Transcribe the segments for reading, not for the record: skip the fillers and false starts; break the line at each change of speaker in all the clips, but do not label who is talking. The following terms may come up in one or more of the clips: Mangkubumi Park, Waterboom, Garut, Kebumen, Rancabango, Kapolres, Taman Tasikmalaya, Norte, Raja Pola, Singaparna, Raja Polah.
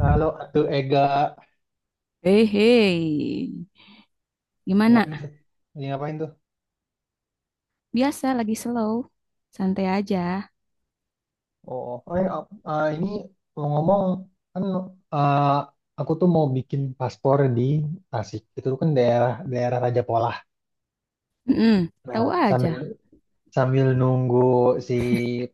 Halo, tuh Ega.
Hei, hei,
Ini
gimana?
ngapain tuh? Ini ngapain tuh?
Biasa lagi slow, santai aja.
Oh, oh, ya, ini ngomong-ngomong kan eh, aku tuh mau bikin paspor di Tasik. Itu kan daerah daerah Raja Pola.
Mm-mm,
Nah,
tahu
sambil
aja.
sambil nunggu si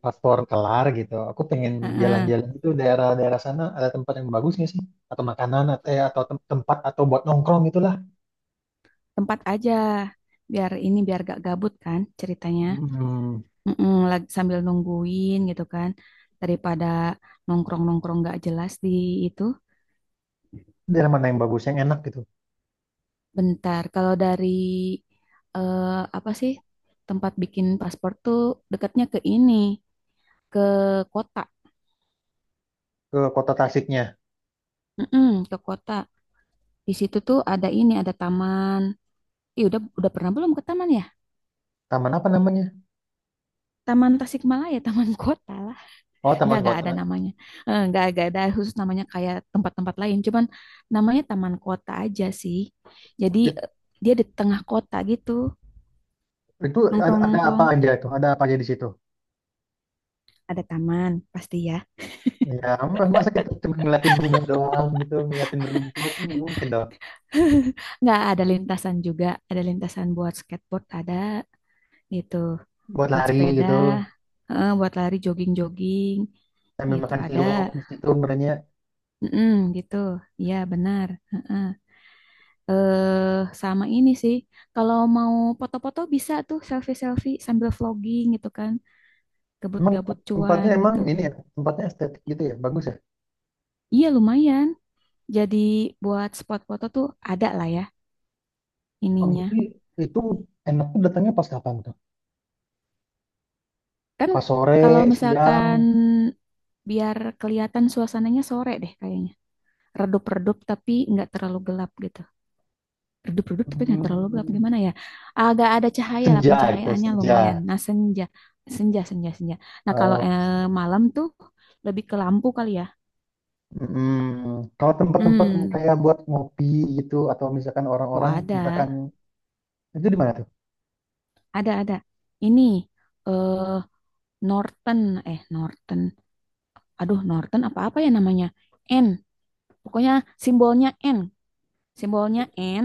paspor kelar gitu, aku pengen
Heeh,
jalan-jalan itu daerah-daerah sana ada tempat yang bagus nggak sih? Atau makanan atau atau tempat atau buat nongkrong itulah.
tempat aja, biar ini biar gak gabut kan ceritanya.
Hmm,
Mm-mm, lagi sambil nungguin gitu kan, daripada nongkrong-nongkrong gak jelas di itu.
daerah mana yang bagus yang enak gitu?
Bentar, kalau dari eh, apa sih tempat bikin paspor tuh dekatnya ke ini, ke kota.
Ke kota Tasiknya.
Mm-mm, ke kota. Di situ tuh ada ini, ada taman. Iya, udah pernah belum ke taman ya?
Taman apa namanya?
Taman Tasikmalaya, Taman Kota lah.
Oh,
Enggak
Taman
enggak ada
Kota.
namanya. Eh, enggak ada khusus namanya kayak tempat-tempat lain, cuman namanya Taman Kota aja sih. Jadi dia di tengah kota gitu,
Itu ada apa
nongkrong-nongkrong.
aja itu? Ada apa aja di situ?
Ada taman pasti ya.
Ya, masa kita cuma ngeliatin bunga doang gitu, ngeliatin rumput, nggak mungkin dong.
Enggak, ada lintasan juga, ada lintasan buat skateboard ada gitu.
Buat
Buat
lari
sepeda,
gitu,
buat lari jogging-jogging
sambil
gitu
makan
ada.
cilok di situ sebenarnya.
Mm-mm, gitu. Iya, benar. Heeh. Eh, sama ini sih. Kalau mau foto-foto bisa tuh selfie-selfie sambil vlogging gitu kan.
Emang
Gabut-gabut cuan
tempatnya emang
gitu.
ini ya, tempatnya estetik gitu ya, bagus ya.
Iya, lumayan. Jadi buat spot foto tuh ada lah ya
Oh, berarti
ininya.
itu enaknya datangnya pas kapan tuh?
Kan
Pas sore,
kalau
siang,
misalkan biar kelihatan suasananya sore deh kayaknya. Redup-redup tapi nggak terlalu gelap gitu. Redup-redup tapi nggak terlalu gelap,
hmm,
gimana ya, agak ada cahaya lah,
senja gitu,
pencahayaannya
senja.
lumayan, nah senja, senja, senja, senja, nah kalau
Eh,
malam tuh lebih ke lampu kali ya.
mm, kalau tempat-tempat yang
Hmm,
kayak buat ngopi gitu, atau misalkan
oh
orang-orang,
ada
misalkan itu di mana?
ada ada ini, eh Norton, Norton, aduh Norton apa-apa ya namanya, N pokoknya, simbolnya N, simbolnya N,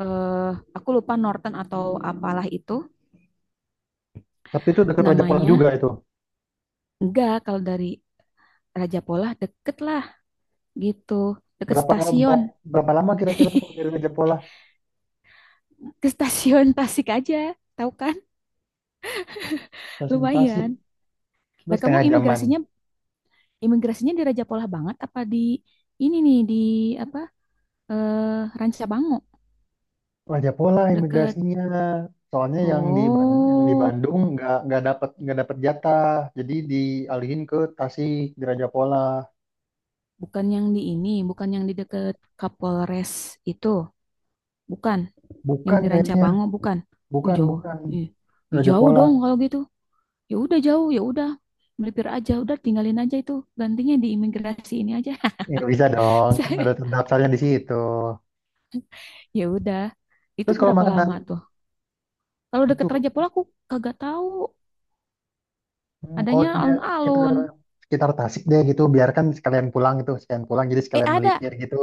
eh aku lupa Norton atau apalah itu
Tapi itu dekat Raja Polang juga
namanya.
itu.
Enggak, kalau dari Raja Pola deket lah gitu, deket
Berapa berapa,
stasiun.
berapa lama kira-kira tuh dari Raja Polah
Ke stasiun Tasik aja tahu kan
presentasi?
lumayan lah.
Terus
Kamu
setengah jaman.
imigrasinya, imigrasinya di Raja Polah banget apa di ini nih di apa, Rancabango
Raja Polah
deket?
imigrasinya. Soalnya yang di yang di
Oh
Bandung nggak dapat nggak dapat jatah. Jadi dialihin ke Tasik di Raja Polah.
bukan, yang di ini, bukan yang di deket Kapolres itu? Bukan yang
Bukan
di
kayaknya.
Rancabango? Bukan,
Bukan
jauh.
bukan
Ih, ih,
Raja
jauh
Polah.
dong kalau gitu, ya udah jauh, ya udah melipir aja, udah tinggalin aja itu, gantinya di imigrasi ini aja.
Ya nggak bisa dong. Kan udah terdaftarnya di situ.
Ya udah. Itu
Terus kalau
berapa
makanan
lama tuh? Kalau
itu
deket Raja Pola aku kagak tahu.
hmm, kalau
Adanya
dia sekitar
alun-alun.
sekitar Tasik deh gitu biarkan sekalian pulang gitu sekalian pulang jadi
Eh
sekalian melipir gitu.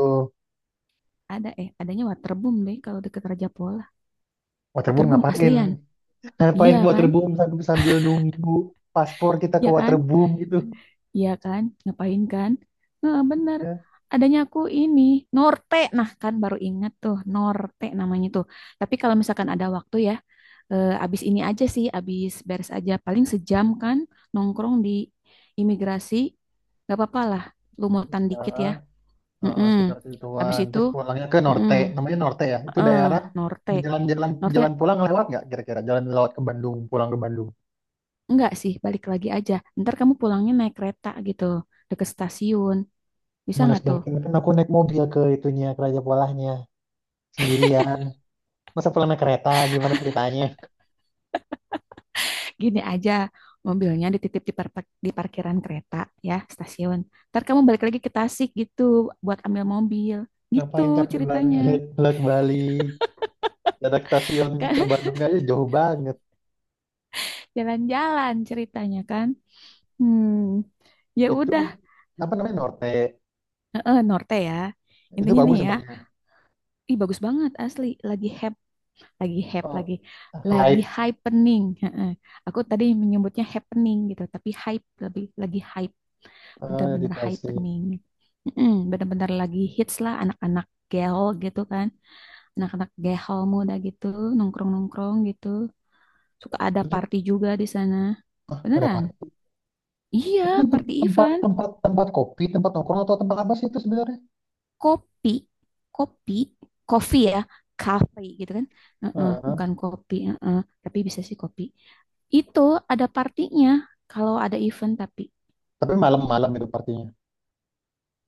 ada adanya Waterboom deh kalau deket Raja Pola.
Waterboom
Waterboom
ngapain?
aslian.
Ngapain
Iya
ke
kan?
waterboom sambil nunggu paspor kita ke
Iya kan?
waterboom gitu.
Iya kan? Ngapain kan? Nah, bener.
Ya,
Adanya aku ini Norte. Nah, kan baru ingat tuh Norte namanya tuh. Tapi kalau misalkan ada waktu ya, abis ini aja sih, abis beres aja paling sejam kan nongkrong di imigrasi. Gak apa-apa lah, lumutan dikit ya.
ya heeh,
Mm-mm.
sekitar
Habis
situan.
itu,
Terus pulangnya ke Norte,
mm-mm.
namanya Norte ya. Itu
Heeh,
daerah
Norte.
di jalan-jalan
Norte,
jalan pulang lewat nggak kira-kira? Jalan lewat ke Bandung, pulang ke Bandung.
enggak sih, balik lagi aja. Ntar kamu pulangnya naik kereta gitu, deket stasiun. Bisa
Males
nggak tuh?
banget. Kan aku naik mobil ke itunya, ke Raja Polahnya sendirian. Masa pulang naik kereta? Gimana ceritanya?
Gini aja, mobilnya dititip di, di parkiran kereta ya, stasiun. Ntar kamu balik lagi ke Tasik gitu, buat ambil mobil.
Ngapain
Gitu
capek banget?
ceritanya.
Lewat Bali, dari stasiun ke Bandung aja jauh banget.
Jalan-jalan ceritanya kan. Hmm, ya
Itu
udah.
apa namanya Norte?
Heeh, Norte ya.
Itu
Intinya nih
bagus
ya,
tempatnya.
ih bagus banget asli, lagi heboh, lagi hype,
Eh,
lagi
hype
happening. Heeh. Aku tadi menyebutnya happening gitu tapi hype lebih, lagi hype,
di
benar-benar
Tasik.
happening. Mm-mm, benar-benar lagi hits lah, anak-anak gaul gitu kan, anak-anak gaul muda gitu nongkrong-nongkrong gitu, suka ada
Itu
party juga di sana
pada
beneran,
apa?
iya,
Itu kan
party
tempat
event.
tempat tempat kopi, tempat nongkrong atau tempat apa sih itu sebenarnya?
Kopi, kopi, kopi ya, kafe gitu kan. Heeh,
Heeh.
bukan kopi, heeh, tapi bisa sih kopi. Itu ada partinya kalau ada event, tapi
Tapi malam-malam itu partinya.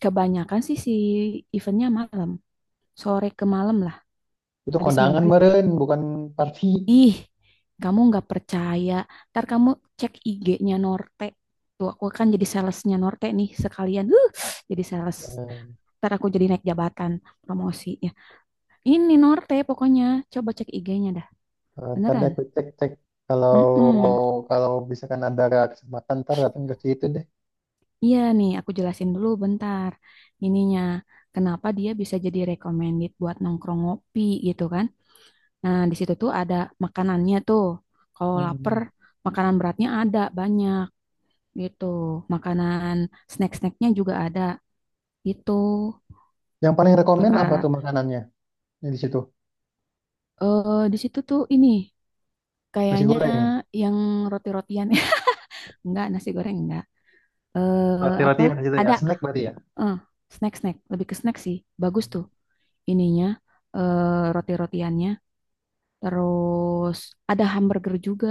kebanyakan sih si eventnya malam, sore ke malam lah,
Itu
habis
kondangan
maghrib.
meren, bukan party.
Ih, kamu nggak percaya. Ntar kamu cek IG-nya Norte. Tuh, aku kan jadi salesnya Norte nih sekalian. Huh, jadi sales.
Eh,
Ntar aku jadi naik jabatan, promosi ya. Ini Norte pokoknya. Coba cek IG-nya dah.
ntar deh
Beneran.
aku cek-cek kalau
Mm-mm.
kalau bisa kan ada kesempatan ntar datang ke situ deh.
Iya nih, aku jelasin dulu bentar. Ininya, kenapa dia bisa jadi recommended buat nongkrong ngopi gitu kan? Nah, di situ tuh ada makanannya tuh. Kalau lapar,
Mm.
makanan beratnya ada banyak gitu. Makanan snack-snacknya juga ada gitu.
Yang paling rekomen apa
Perkara
tuh makanannya yang di situ?
di situ tuh ini
Nasi
kayaknya
goreng.
yang roti-rotian ya? Enggak nasi goreng enggak. Eh
Roti-roti
apa?
yang di situ ya,
Ada
snack berarti ya.
eh snack-snack, lebih ke snack sih. Bagus tuh ininya, roti-rotiannya. Terus ada hamburger juga,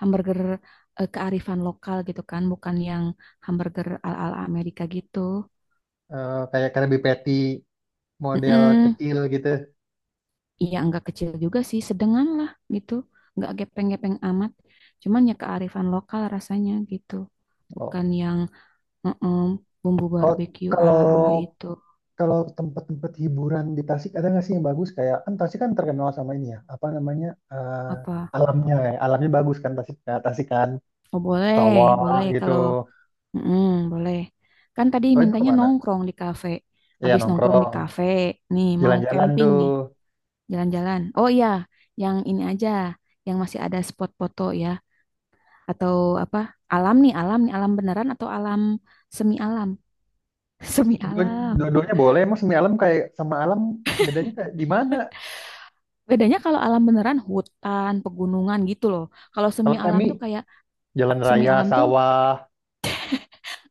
hamburger kearifan lokal gitu kan, bukan yang hamburger ala-ala Amerika gitu.
Eh, kayak Krabby Patty model
Mm-mm.
kecil gitu.
Iya nggak kecil juga sih, sedengan lah gitu, nggak gepeng-gepeng amat. Cuman ya kearifan lokal rasanya gitu,
Oh.
bukan yang mm-mm, bumbu
Kalau
barbeque
kalau
ala-ala itu.
kalau tempat-tempat hiburan di Tasik ada nggak sih yang bagus? Kayak kan Tasik kan terkenal sama ini ya, apa namanya
Apa?
eh, alamnya, ya. Alamnya bagus kan Tasik, Tasik kan
Oh boleh,
sawah
boleh
gitu.
kalau mm-mm, boleh. Kan tadi
Kalau itu
mintanya
kemana?
nongkrong di kafe.
Iya
Habis nongkrong di
nongkrong,
kafe, nih mau
jalan-jalan
camping
tuh.
nih, jalan-jalan. Oh iya, yang ini aja, yang masih ada spot foto ya. Atau apa, alam nih, alam nih, alam beneran atau alam semi alam. Semi alam.
Dua-duanya boleh. Emang semi alam kayak sama alam bedanya kayak di mana?
Bedanya kalau alam beneran hutan, pegunungan gitu loh. Kalau semi
Kalau
alam
semi
tuh kayak,
jalan
semi
raya,
alam tuh
sawah,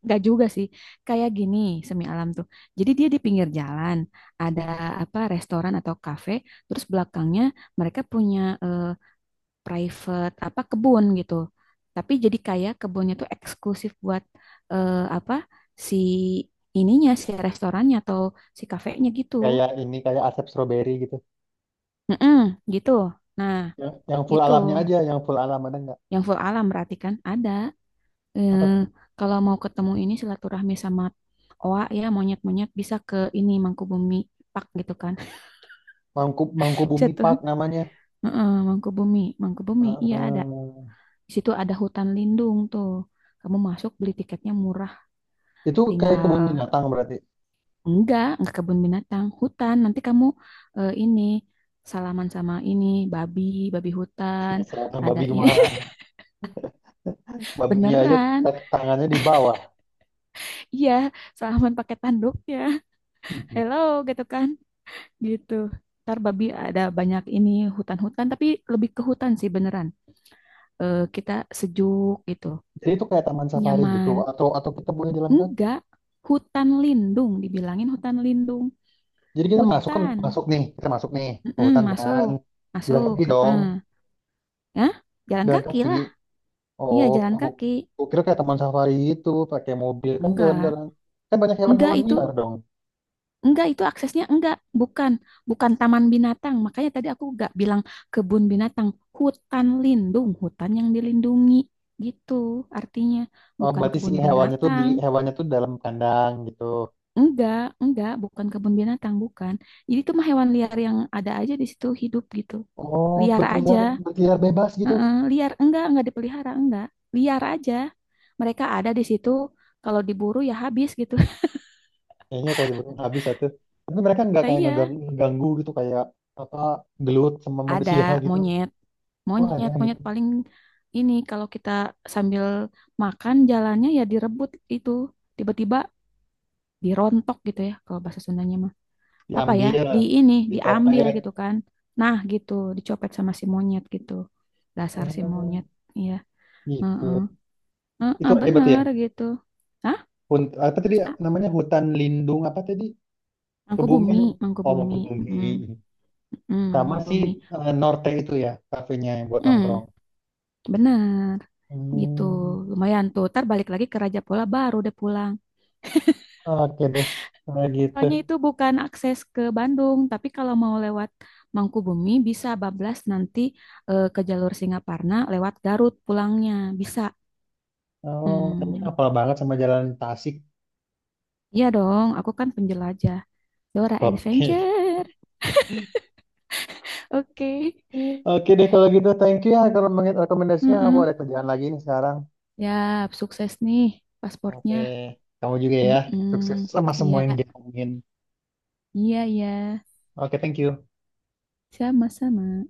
nggak juga sih, kayak gini semi alam tuh. Jadi dia di pinggir jalan, ada apa restoran atau kafe, terus belakangnya mereka punya eh, private apa kebun gitu. Tapi jadi kayak kebunnya tuh eksklusif buat eh, apa si ininya, si restorannya atau si kafenya gitu.
kayak ini kayak asap stroberi gitu.
Mm-mm, gitu. Nah,
Yang full
gitu.
alamnya aja, yang full alam ada nggak?
Yang full alam berarti kan ada. eh,
Apa tuh?
kalau mau ketemu ini silaturahmi sama oa ya monyet-monyet bisa ke ini Mangkubumi Park gitu kan. Bisa
Mangkubumi
tuh.
Park namanya.
Heeh, Mangkubumi, Mangkubumi. Iya ada.
Eh,
Di situ ada hutan lindung tuh. Kamu masuk beli tiketnya murah,
itu kayak
tinggal
kebun binatang berarti.
enggak kebun binatang, hutan. Nanti kamu ini salaman sama ini babi, babi hutan.
Misalnya
Ada
babi
ini
gimana? Babinya aja
beneran.
tangannya di bawah.
Iya, salaman pakai tanduknya.
Mhm.
Hello gitu kan. Gitu. Ntar babi ada banyak ini hutan-hutan, tapi lebih ke hutan sih beneran. Eh, kita sejuk gitu,
Jadi itu kayak taman safari gitu
nyaman.
atau kita boleh jalan kan?
Enggak, hutan lindung, dibilangin hutan lindung.
Jadi kita masuk kan
Hutan,
masuk nih, kita masuk nih ke
mm-mm,
hutan
masuk,
kan. Jalan
masuk.
kaki dong,
Heeh. Ya, jalan
jalan
kaki
kaki.
lah. Iya,
Oh,
jalan
aku,
kaki.
aku kira kayak taman safari itu pakai mobil kan
Enggak,
jalan-jalan. Kan banyak
enggak
hewan-hewan
itu,
liar dong.
enggak, itu aksesnya enggak, bukan, bukan taman binatang. Makanya tadi aku enggak bilang kebun binatang, hutan lindung, hutan yang dilindungi gitu. Artinya
Oh,
bukan
berarti si
kebun
hewannya tuh di
binatang.
hewannya tuh dalam kandang gitu.
Enggak, enggak, bukan kebun binatang, bukan. Jadi itu mah hewan liar yang ada aja di situ hidup gitu.
Oh,
Liar aja.
berkeliaran berkeliaran bebas gitu.
Heeh, liar enggak dipelihara, enggak. Liar aja. Mereka ada di situ, kalau diburu ya habis gitu.
Kayaknya kalau dibunuh habis satu. Tapi mereka nggak
Lah
kayak
iya,
ngeganggu gitu kayak apa gelut sama
ada
manusia gitu.
monyet,
Wah ada
monyet,
gitu.
monyet paling ini kalau kita sambil makan jalannya ya direbut itu tiba-tiba, dirontok gitu ya kalau bahasa Sundanya mah, apa ya,
Diambil,
di ini, diambil gitu
dicopet,
kan, nah gitu, dicopet sama si monyet gitu, dasar si monyet,
ah,
iya. Heeh.
gitu. Itu
Heeh,
hebat ya.
bener gitu. Hah?
Hun, apa tadi
Ah,
namanya hutan lindung apa tadi?
mangku
Kebumen.
bumi, mangku
Oh mau
bumi.
bumi.
Mm, mm, mangku
Sama si
bumi.
Norte itu ya kafenya yang buat nongkrong.
Mm, bener gitu,
Hmm,
lumayan tuh, ntar balik lagi ke Raja Pola baru deh pulang.
oke deh. Nah gitu.
Soalnya itu bukan akses ke Bandung, tapi kalau mau lewat Mangkubumi bisa bablas nanti ke jalur Singaparna lewat Garut pulangnya. Bisa.
Oh kayaknya
Hmm,
hafal banget sama jalan Tasik.
iya dong, aku kan penjelajah. Dora
Oke.
Adventure. Oke.
Oke deh kalau gitu thank you ya rekomendasinya aku
Heeh.
ada kerjaan lagi nih sekarang.
Ya, sukses nih
Oke,
pasportnya.
kamu juga ya. Sukses
Mm-mm.
sama semua
Iya,
yang dijalanin.
iya, iya.
Oke, thank you.
Sama-sama.